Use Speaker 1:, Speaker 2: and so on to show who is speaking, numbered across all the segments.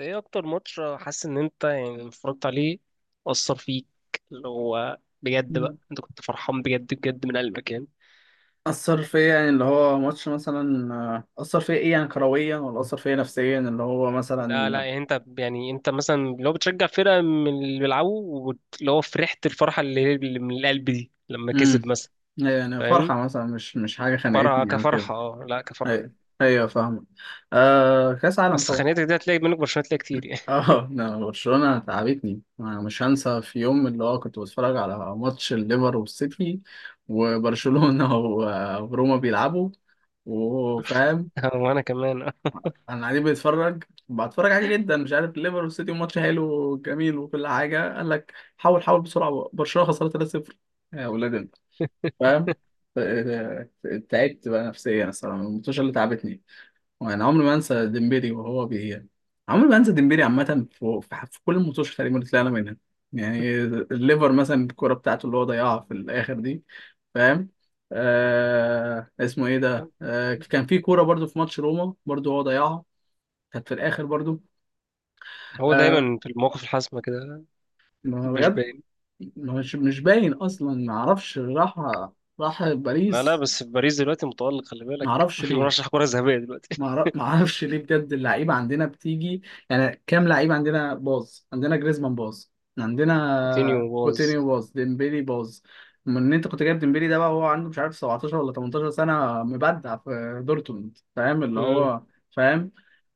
Speaker 1: ايه اكتر ماتش حاسس ان انت لما اتفرجت عليه اثر فيك؟ اللي هو بجد
Speaker 2: مم.
Speaker 1: بقى انت كنت فرحان بجد بجد من قلبك يعني.
Speaker 2: أثر فيا يعني اللي هو ماتش مثلا أثر فيا إيه، يعني كرويا ولا أثر فيا نفسيا اللي هو
Speaker 1: لا،
Speaker 2: مثلا.
Speaker 1: يعني انت، يعني انت مثلا لو بتشجع فرقه من اللي بيلعبوا اللي هو فرحت الفرحه اللي من القلب دي لما كسب
Speaker 2: مم.
Speaker 1: مثلا.
Speaker 2: يعني
Speaker 1: فاهم؟
Speaker 2: فرحة مثلا مش حاجة
Speaker 1: فرحه
Speaker 2: خنقتني أو كده.
Speaker 1: كفرحه، اه لا، كفرحه.
Speaker 2: أيوة، أيوة فاهمة. آه، كأس عالم
Speaker 1: اصل
Speaker 2: طبعا.
Speaker 1: خاناتك دي هتلاقي منك برشلونه هتلاقي كتير يعني.
Speaker 2: اه لا، برشلونة تعبتني. أنا مش هنسى في يوم اللي هو كنت بتفرج على ماتش الليفر والسيتي وبرشلونة وروما بيلعبوا وفاهم.
Speaker 1: وانا كمان آه.
Speaker 2: انا قاعدين بنتفرج، بتفرج عادي جدا، مش عارف. ليفر والسيتي ماتش حلو وجميل وكل حاجه، قال لك حاول حاول بسرعه، برشلونه خسرت 3-0، يا ولاد انت، فاهم. ف- تعبت بقى نفسيا الصراحه من الماتشات اللي تعبتني، وانا عمري ما انسى ديمبيري وهو بي، عمري ما انسى ديمبيري عامه في كل الماتشات تقريبا اللي طلعنا منها. يعني الليفر مثلا الكوره بتاعته اللي هو ضيعها في الاخر دي، فاهم. آه اسمه ايه ده، آه كان في كوره برضو في ماتش روما برضو هو ضيعها، كانت في الاخر برضو.
Speaker 1: هو
Speaker 2: آه،
Speaker 1: دايما في المواقف الحاسمه كده،
Speaker 2: ما هو
Speaker 1: مش
Speaker 2: بجد
Speaker 1: باين.
Speaker 2: مش باين اصلا، ما اعرفش راح، راح
Speaker 1: لا،
Speaker 2: باريس.
Speaker 1: بس في باريس دلوقتي متألق، خلي
Speaker 2: ما
Speaker 1: بالك،
Speaker 2: اعرفش ليه،
Speaker 1: مرشح كره ذهبيه دلوقتي.
Speaker 2: ما اعرفش ليه بجد، اللعيبه عندنا بتيجي. يعني كام لعيب عندنا باظ؟ عندنا جريزمان باظ، عندنا
Speaker 1: كوتينيو باظ.
Speaker 2: كوتينيو باظ، ديمبيلي باظ. من ان انت كنت جايب ديمبيلي ده بقى، هو عنده مش عارف 17 ولا 18 سنه، مبدع في دورتموند، فاهم اللي
Speaker 1: مم.
Speaker 2: هو، فاهم.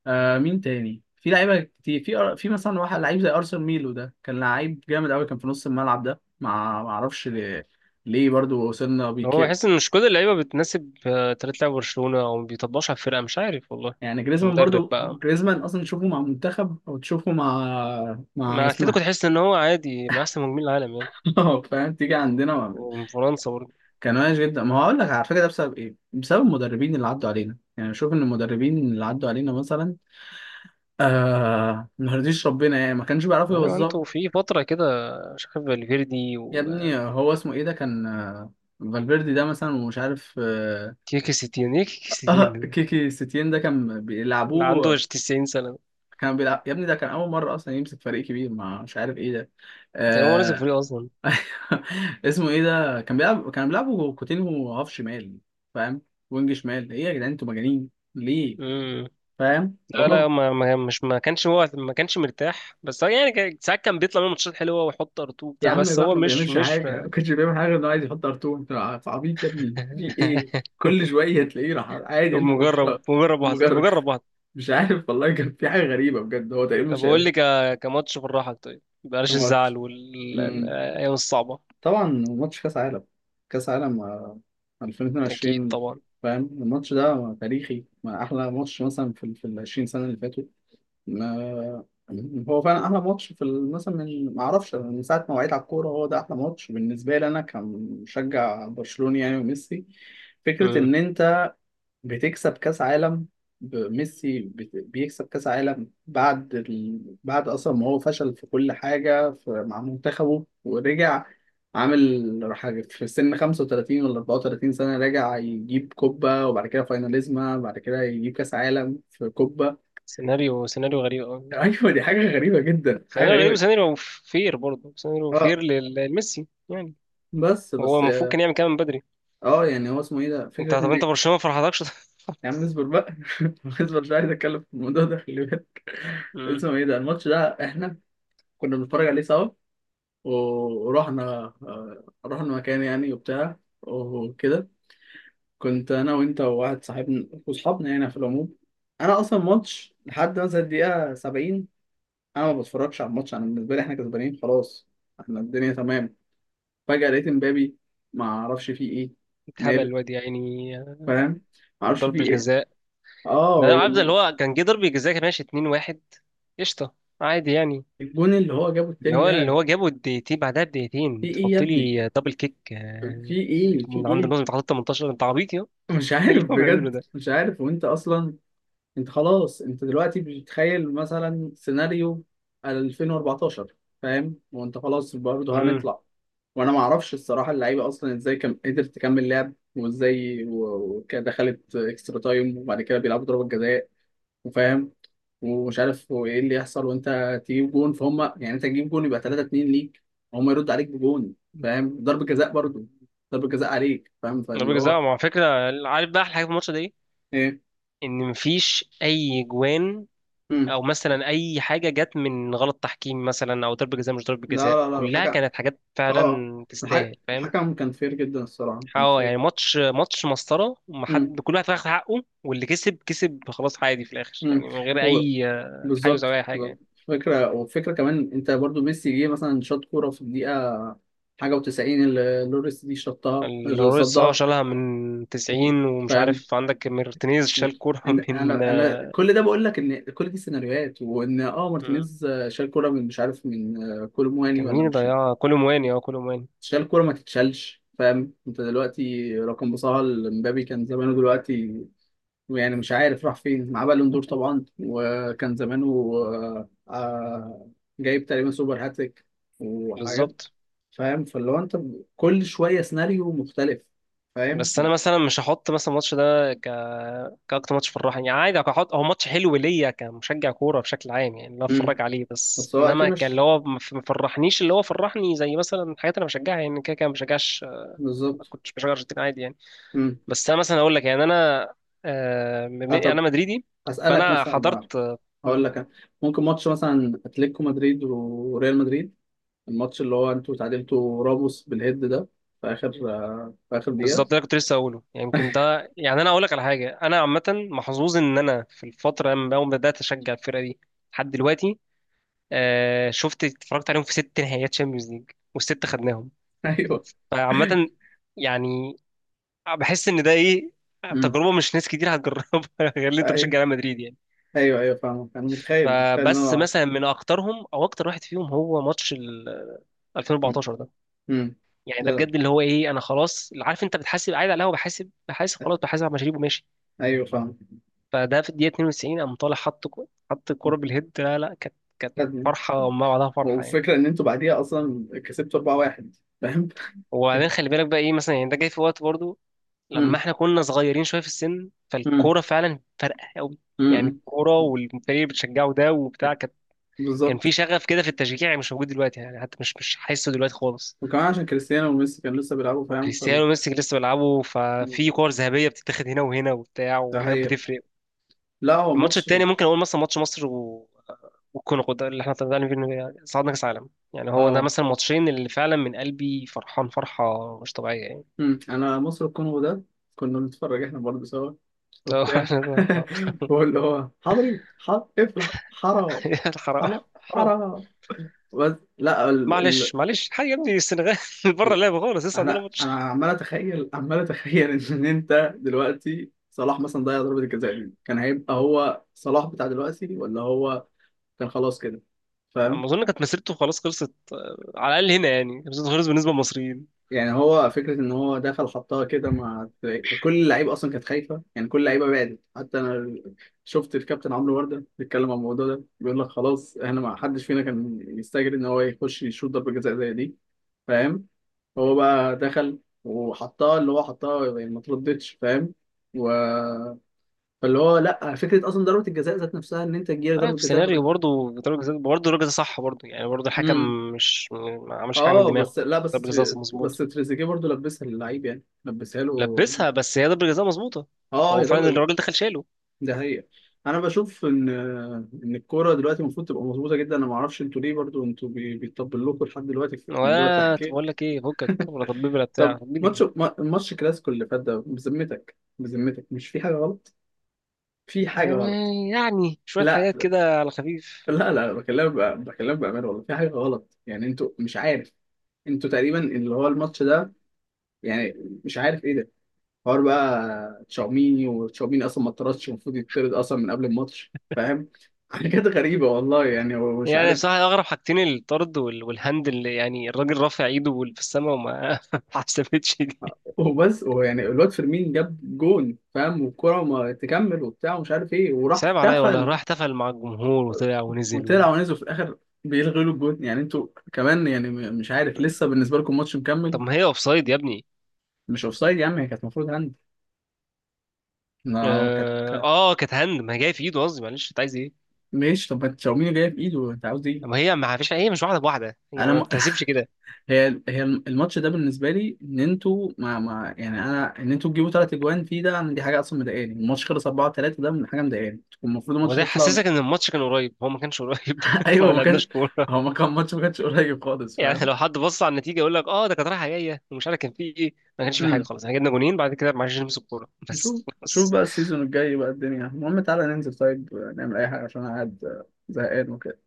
Speaker 2: آه، مين تاني؟ في لعيبه كتير في مثلا واحد لعيب زي ارسن ميلو ده، كان لعيب جامد قوي، كان في نص الملعب ده، ما اعرفش ليه، ليه برضو وصلنا بيه.
Speaker 1: هو بحس ان مش كل اللعيبه بتناسب طريقه لعب برشلونه، او ما بيطبقش على الفرقه، مش عارف والله.
Speaker 2: يعني جريزمان
Speaker 1: المدرب
Speaker 2: برضو،
Speaker 1: بقى.
Speaker 2: جريزمان اصلا تشوفه مع منتخب او تشوفه مع، مع
Speaker 1: مع اتلتيكو
Speaker 2: اسمها،
Speaker 1: تحس ان هو عادي مع احسن مهاجمين العالم يعني.
Speaker 2: فاهم، تيجي عندنا
Speaker 1: ومن فرنسا برضه.
Speaker 2: كان وحش جدا. ما هو هقول لك على فكره ده بسبب ايه؟ بسبب المدربين اللي عدوا علينا. يعني شوف ان المدربين اللي عدوا علينا مثلا ما رضيش ربنا، يعني ما كانش بيعرفوا
Speaker 1: ايوه
Speaker 2: يوظفوا.
Speaker 1: انتوا في فتره كده مش عارف فالفيردي
Speaker 2: يا ابني
Speaker 1: وتيكي
Speaker 2: هو اسمه ايه ده، كان فالفيردي ده مثلا، ومش عارف
Speaker 1: ستين، ايه تيكي ستين
Speaker 2: آه،
Speaker 1: ده؟
Speaker 2: كيكي ستين ده كان
Speaker 1: اللي عنده
Speaker 2: بيلعبوه.
Speaker 1: 90 سنه ده؟
Speaker 2: كان بيلعب يا ابني، ده كان اول مره اصلا يمسك فريق كبير، مع مش عارف ايه ده.
Speaker 1: تقريبا هو نازل
Speaker 2: آه،
Speaker 1: الفريق اصلا.
Speaker 2: اسمه ايه ده، كان بيلعب، كان بيلعبوا كوتينهو هاف شمال، فاهم، وينج شمال، ايه يا جدعان انتوا مجانين ليه؟
Speaker 1: امم.
Speaker 2: فاهم.
Speaker 1: لا،
Speaker 2: وهو،
Speaker 1: ما كانش هو ما كانش مرتاح، بس هو يعني ساعات كان بيطلع منه ماتشات حلوه ويحط ار2
Speaker 2: يا
Speaker 1: بتاع،
Speaker 2: عم
Speaker 1: بس
Speaker 2: بقى
Speaker 1: هو
Speaker 2: ما
Speaker 1: مش
Speaker 2: بيعملش
Speaker 1: مش
Speaker 2: حاجه، ما كانش بيعمل حاجه غير انه عايز يحط ار2. انت عبيط يا ابني؟ في ايه؟ كل شويه تلاقيه راح عادي
Speaker 1: طب
Speaker 2: الفرشة. ومجرد،
Speaker 1: مجرب واحد.
Speaker 2: مش عارف والله، كان في حاجه غريبه بجد، هو تقريبا
Speaker 1: طب
Speaker 2: مش
Speaker 1: قول لي كماتش بالراحة، طيب، بلاش
Speaker 2: كان
Speaker 1: الزعل
Speaker 2: ماتش.
Speaker 1: والأيام الصعبة.
Speaker 2: طبعا ماتش كاس عالم، كاس عالم
Speaker 1: أكيد
Speaker 2: 2022،
Speaker 1: طبعا.
Speaker 2: فاهم. الماتش ده تاريخي، ما احلى ماتش مثلا في ال، في ال 20 سنه اللي فاتوا. ما- هو فعلا احلى ماتش مثلا، من ما اعرفش من ساعه ما وعيت على الكوره، هو ده احلى ماتش بالنسبه لي، انا كمشجع برشلوني يعني. وميسي، فكره
Speaker 1: مم.
Speaker 2: ان انت بتكسب كاس عالم، ميسي بيكسب كاس عالم بعد ال، بعد اصلا ما هو فشل في كل حاجه في، مع منتخبه، ورجع عامل حاجه في سن 35 ولا 34 سنه، راجع يجيب كوبا، وبعد كده فايناليزما، بعد كده يجيب كاس عالم في كوبا.
Speaker 1: سيناريو غريب أوي.
Speaker 2: ايوه دي حاجه غريبه جدا، حاجه
Speaker 1: سيناريو غريب
Speaker 2: غريبه.
Speaker 1: وسيناريو فير برضه، سيناريو
Speaker 2: اه،
Speaker 1: فير لميسي يعني.
Speaker 2: بس
Speaker 1: هو
Speaker 2: بس
Speaker 1: المفروض كان يعمل كده من بدري.
Speaker 2: اه، يعني هو اسمه ايه ده،
Speaker 1: انت
Speaker 2: فكره
Speaker 1: طب
Speaker 2: ان.
Speaker 1: انت برشلونة ما فرحتكش؟
Speaker 2: يا عم اصبر بقى، اصبر، مش عايز اتكلم في الموضوع ده خلي بالك.
Speaker 1: مم.
Speaker 2: اسمه ايه ده، الماتش ده احنا كنا بنتفرج عليه سوا، ورحنا، رحنا مكان يعني وبتاع وكده، كنت انا وانت وواحد صاحبنا وصحابنا يعني في العموم. انا اصلا ماتش لحد مثلا الدقيقه 70 انا ما بتفرجش على الماتش، انا بالنسبه لي احنا كسبانين خلاص، احنا الدنيا تمام. فجاه لقيت امبابي، ما اعرفش فيه ايه،
Speaker 1: اتهبل
Speaker 2: ماله،
Speaker 1: الواد يا عيني آه،
Speaker 2: فاهم، ما اعرفش
Speaker 1: ضرب
Speaker 2: فيه ايه.
Speaker 1: الجزاء. ده انا
Speaker 2: اه،
Speaker 1: عارف ده، اللي هو كان جه ضرب الجزاء كان ماشي 2-1، قشطة، عادي يعني.
Speaker 2: والجون اللي هو جابه
Speaker 1: اللي
Speaker 2: التاني
Speaker 1: هو اللي
Speaker 2: ده،
Speaker 1: هو جابه الدقيقتين، بعدها
Speaker 2: في
Speaker 1: بدقيقتين
Speaker 2: ايه يا
Speaker 1: بتحط
Speaker 2: ابني،
Speaker 1: لي دبل كيك
Speaker 2: في
Speaker 1: آه،
Speaker 2: ايه، في
Speaker 1: من عند
Speaker 2: ايه؟
Speaker 1: النص بتحط 18، انت عبيط يا
Speaker 2: مش
Speaker 1: ايه اللي
Speaker 2: عارف
Speaker 1: هو بيعمله
Speaker 2: بجد،
Speaker 1: ده؟
Speaker 2: مش عارف. وانت اصلا، انت خلاص، انت دلوقتي بتتخيل مثلا سيناريو 2014، فاهم، وانت خلاص برضه
Speaker 1: امم.
Speaker 2: هنطلع. وانا ما اعرفش الصراحه اللعيبه اصلا ازاي قدرت تكمل لعب وازاي وكده، دخلت اكسترا تايم، وبعد كده بيلعبوا ضربه جزاء وفاهم، ومش عارف هو ايه اللي يحصل. وانت تجيب جون، فهم يعني انت تجيب جون يبقى 3 2 ليك، هم يرد عليك بجون فاهم، ضربه جزاء برضه، ضربه جزاء عليك، فاهم،
Speaker 1: ضربة
Speaker 2: فاللي
Speaker 1: جزاء،
Speaker 2: هو
Speaker 1: مع فكرة، عارف بقى احلى حاجة في الماتش ده ايه؟
Speaker 2: ايه.
Speaker 1: ان مفيش اي جوان
Speaker 2: مم.
Speaker 1: او مثلا اي حاجة جت من غلط تحكيم مثلا، او ضربة جزاء مش ضربة
Speaker 2: لا
Speaker 1: جزاء،
Speaker 2: لا لا،
Speaker 1: كلها
Speaker 2: الحكم،
Speaker 1: كانت حاجات
Speaker 2: اه
Speaker 1: فعلا تستاهل، فاهم؟
Speaker 2: الحكم كان فير جدا الصراحة، كان
Speaker 1: اه،
Speaker 2: فير.
Speaker 1: يعني ماتش مسطرة،
Speaker 2: امم،
Speaker 1: ومحد، كل واحد واخد حقه، واللي كسب كسب، خلاص، عادي في الاخر
Speaker 2: امم.
Speaker 1: يعني، من غير
Speaker 2: هو
Speaker 1: اي تحيز او
Speaker 2: بالظبط،
Speaker 1: اي
Speaker 2: بالظبط.
Speaker 1: حاجة.
Speaker 2: فكرة، وفكرة كمان، انت برضو ميسي جه مثلا شاط كورة في الدقيقة حاجة و90 اللي لوريس دي شطها،
Speaker 1: الرويس، اه،
Speaker 2: صدها،
Speaker 1: شالها من 90، ومش
Speaker 2: فاهم.
Speaker 1: عارف عندك مارتينيز شال كورة
Speaker 2: إن
Speaker 1: من.
Speaker 2: انا انا كل ده بقول لك ان كل دي سيناريوهات. وان اه
Speaker 1: مم.
Speaker 2: مارتينيز شال كورة من مش عارف من كولومواني
Speaker 1: كان مين
Speaker 2: ولا
Speaker 1: اللي
Speaker 2: مش عارف.
Speaker 1: ضيعها؟ كولو مواني، اه، كولو مواني.
Speaker 2: شال كورة ما تتشالش، فاهم. انت دلوقتي رقم، بصها لمبابي كان زمانه دلوقتي، يعني مش عارف راح فين مع بالون دور طبعا، وكان زمانه آه، آه، جايب تقريبا سوبر هاتريك وحاجات،
Speaker 1: بالظبط.
Speaker 2: فاهم. فاللي هو انت كل شويه سيناريو مختلف، فاهم.
Speaker 1: بس انا مثلا مش هحط مثلا الماتش ده ك كاكتر ماتش فرحني يعني. عادي، هحط هو ماتش حلو ليا كمشجع كوره بشكل عام يعني، لا
Speaker 2: امم،
Speaker 1: اتفرج عليه، بس
Speaker 2: بس هو اكيد
Speaker 1: انما كان اللي
Speaker 2: مش،
Speaker 1: هو ما فرحنيش اللي هو فرحني زي مثلا الحاجات اللي انا بشجعها، يعني كده كده ما بشجعش.
Speaker 2: بالظبط.
Speaker 1: ما كنتش بشجع ارجنتين عادي يعني.
Speaker 2: امم،
Speaker 1: بس انا مثلا اقول لك يعني انا
Speaker 2: آه طب
Speaker 1: انا مدريدي،
Speaker 2: اسالك
Speaker 1: فانا
Speaker 2: مثلا،
Speaker 1: حضرت
Speaker 2: هقول لك أنا. ممكن ماتش مثلا اتلتيكو مدريد وريال مدريد، الماتش اللي هو انتوا تعادلتوا راموس بالهيد ده في اخر، في اخر دقيقه.
Speaker 1: بالظبط. ده كنت لسه اقوله يعني. يمكن ده يعني، انا اقول لك على حاجه، انا عامه محظوظ ان انا في الفتره لما اول ما بدات اشجع الفرقه دي لحد دلوقتي، آه، شفت اتفرجت عليهم في ست نهائيات شامبيونز ليج، والست خدناهم.
Speaker 2: ايوه.
Speaker 1: فعامه يعني بحس ان ده ايه، تجربه مش ناس كتير هتجربها، غير اللي انت بتشجع
Speaker 2: امم،
Speaker 1: ريال مدريد يعني.
Speaker 2: ايوه، ايوه فاهمك، انا متخيل، متخيل ان
Speaker 1: فبس
Speaker 2: انا.
Speaker 1: مثلا من اكترهم او اكتر واحد فيهم هو ماتش ال
Speaker 2: مم.
Speaker 1: 2014 ده.
Speaker 2: مم.
Speaker 1: يعني ده
Speaker 2: لا،
Speaker 1: بجد اللي هو ايه، انا خلاص، عارف انت بتحاسب قاعد على القهوه، بحاسب بحاسب
Speaker 2: لا.
Speaker 1: خلاص بحاسب على مشاريب وماشي،
Speaker 2: ايوه فاهم.
Speaker 1: فده في الدقيقة 92 قام طالع حط حط الكورة بالهيد. لا، كانت، كانت
Speaker 2: خدني،
Speaker 1: فرحة ما بعدها فرحة يعني.
Speaker 2: والفكره ان انتوا بعديها اصلا كسبتوا 4-1، فاهم.
Speaker 1: وبعدين خلي بالك بقى ايه مثلا، يعني ده جاي في وقت برضو لما
Speaker 2: مم.
Speaker 1: احنا كنا صغيرين شوية في السن،
Speaker 2: مم.
Speaker 1: فالكورة فعلا فارقة قوي يعني.
Speaker 2: مم.
Speaker 1: الكورة
Speaker 2: مم.
Speaker 1: والفريق اللي بتشجعه ده وبتاع، كان كان
Speaker 2: بالظبط.
Speaker 1: في شغف كده في التشجيع يعني مش موجود دلوقتي، يعني حتى مش حاسه دلوقتي خالص.
Speaker 2: وكمان عشان كريستيانو وميسي كانوا لسه بيلعبوا، فاهم فال،
Speaker 1: وكريستيانو وميسي لسه بيلعبوا، ففي كور ذهبية بتتاخد هنا وهنا وبتاع،
Speaker 2: ده
Speaker 1: وحاجات
Speaker 2: هي،
Speaker 1: بتفرق.
Speaker 2: لا هو
Speaker 1: الماتش
Speaker 2: ماتش.
Speaker 1: التاني ممكن اقول مثلا ماتش مصر والكونغو ده اللي احنا طلعنا فيه، إنه صعدنا كاس عالم يعني. هو ده
Speaker 2: اه،
Speaker 1: مثلا ماتشين اللي فعلا من قلبي فرحان فرحه مش طبيعيه يعني.
Speaker 2: مم. انا مصر الكونغو ده كنا بنتفرج احنا برضه سوا وبتاع. واللي هو حضري حضري، اقفل حرا،
Speaker 1: حرام،
Speaker 2: حرا،
Speaker 1: حرام.
Speaker 2: حرا، بس، لا ال، ال.
Speaker 1: معلش معلش، حاجه يا ابني السنغال بره اللعبه خالص، لسه عندنا
Speaker 2: انا،
Speaker 1: ماتش.
Speaker 2: انا عمال اتخيل، عمال اتخيل، ان انت دلوقتي صلاح مثلا ضيع ضربة الجزاء دي، كان هيبقى هو صلاح بتاع دلوقتي ولا هو كان خلاص كده،
Speaker 1: ما
Speaker 2: فاهم.
Speaker 1: اظن كانت مسيرته خلاص خلصت آه، على الاقل هنا يعني، كانت مسيرته خلصت بالنسبه للمصريين.
Speaker 2: يعني هو فكرة ان هو دخل حطها كده، مع كل اللعيبة اصلا كانت خايفة، يعني كل اللعيبة بعدت، حتى انا شفت الكابتن عمرو وردة بيتكلم عن الموضوع ده، بيقول لك خلاص احنا ما حدش فينا كان يستجري ان هو يخش يشوط ضربة جزاء زي دي، فاهم. هو بقى دخل وحطها، اللي هو حطها يعني ما تردتش، فاهم. و... فاللي هو لا، فكره اصلا ضربه الجزاء ذات نفسها ان انت تجيلك
Speaker 1: آه،
Speaker 2: ضربه
Speaker 1: في
Speaker 2: جزاء في
Speaker 1: سيناريو
Speaker 2: الأول.
Speaker 1: برضه ضربة جزاء، برضه الراجل ده صح برضه يعني، برضه الحكم
Speaker 2: امم.
Speaker 1: مش ما عملش حاجه من
Speaker 2: اه
Speaker 1: دماغه.
Speaker 2: بس لا،
Speaker 1: ضربة جزاء
Speaker 2: بس
Speaker 1: مظبوط،
Speaker 2: تريزيجيه برضو لبسها للعيب، يعني لبسها له.
Speaker 1: لبسها، بس هي ضربة جزاء مظبوطة.
Speaker 2: اه
Speaker 1: هو
Speaker 2: هي
Speaker 1: فعلا
Speaker 2: ضربه،
Speaker 1: الراجل دخل شاله.
Speaker 2: ده هي. انا بشوف ان ان الكوره دلوقتي المفروض تبقى مظبوطه جدا، انا ما اعرفش انتوا ليه برضو انتوا بيطبل لكم لحد دلوقتي في موضوع
Speaker 1: ولا طب
Speaker 2: التحكيم.
Speaker 1: بقول لك ايه، فكك ولا طبيب ولا
Speaker 2: طب
Speaker 1: بتاع
Speaker 2: ماتش
Speaker 1: مين.
Speaker 2: ما- ماتش كلاسيكو اللي فات ده، بذمتك، بذمتك مش في حاجه غلط، في حاجه غلط.
Speaker 1: يعني يعني شوية
Speaker 2: لا
Speaker 1: حاجات كده على خفيف
Speaker 2: لا لا، بكلمك بقى، بكلمك بأمانة والله في حاجة غلط، يعني انتوا مش عارف. انتوا تقريبا اللي هو الماتش ده، يعني مش عارف ايه ده، حوار بقى تشاوميني، وتشاوميني اصلا ما اتطردش، المفروض يتطرد اصلا من قبل الماتش، فاهم، حاجات غريبة والله يعني هو مش
Speaker 1: يعني.
Speaker 2: عارف.
Speaker 1: بصراحة أغرب حاجتين الطرد والهند اللي يعني الراجل رافع إيده في السماء وما ما حسبتش دي.
Speaker 2: وبس هو يعني الواد فيرمين جاب جون فاهم، والكرة ما تكمل وبتاع، ومش عارف ايه، وراح
Speaker 1: صعب عليا والله، راح
Speaker 2: احتفل،
Speaker 1: احتفل مع الجمهور وطلع ونزل
Speaker 2: وطلع ونزل في الاخر بيلغوا له الجون، يعني انتوا كمان يعني، مش عارف لسه بالنسبة لكم ماتش
Speaker 1: طب
Speaker 2: مكمل.
Speaker 1: ما هي أوفسايد يا ابني.
Speaker 2: مش اوفسايد يا عم، هي كانت المفروض، ما هو
Speaker 1: آه, آه كانت هند، ما هي جاية في إيده، قصدي معلش، أنت عايز إيه؟
Speaker 2: ماشي طب، ما تشاوميني جايه في ايده، انت عاوز ايه؟
Speaker 1: ما هي ما فيش، هي مش واحدة بواحدة، هي
Speaker 2: انا
Speaker 1: ما
Speaker 2: م...
Speaker 1: بتحسبش كده.
Speaker 2: هي، هي الماتش ده بالنسبه لي، ان انتوا ما ما، يعني انا، ان انتوا تجيبوا 3 اجوان فيه ده، أنا دي حاجه اصلا مضايقاني. الماتش خلص 4 3، ده من حاجه مضايقاني، كان المفروض
Speaker 1: هو
Speaker 2: الماتش
Speaker 1: ده
Speaker 2: ده يطلع.
Speaker 1: حسسك ان الماتش كان قريب؟ هو ما كانش قريب، احنا
Speaker 2: ايوه
Speaker 1: ما
Speaker 2: ما
Speaker 1: لعبناش
Speaker 2: كان،
Speaker 1: كوره.
Speaker 2: هو ما كان ماتش، ما كانش قريب خالص،
Speaker 1: يعني
Speaker 2: فاهم.
Speaker 1: لو حد بص على النتيجه يقول لك اه، ده كانت رايحه جايه ومش عارف كان فيه ايه، ما كانش فيه حاجه
Speaker 2: امم،
Speaker 1: خالص، احنا جبنا جونين بعد كده ما عرفناش نمسك الكوره
Speaker 2: نشوف،
Speaker 1: بس،
Speaker 2: نشوف
Speaker 1: خلاص.
Speaker 2: بقى السيزون الجاي بقى الدنيا، المهم تعالى ننزل، طيب نعمل اي حاجه، عشان انا قاعد زهقان وكده.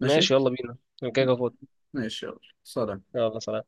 Speaker 2: ماشي،
Speaker 1: ماشي يلا بينا، انا كده كده فاضي.
Speaker 2: ماشي يلا سلام.
Speaker 1: يلا سلام.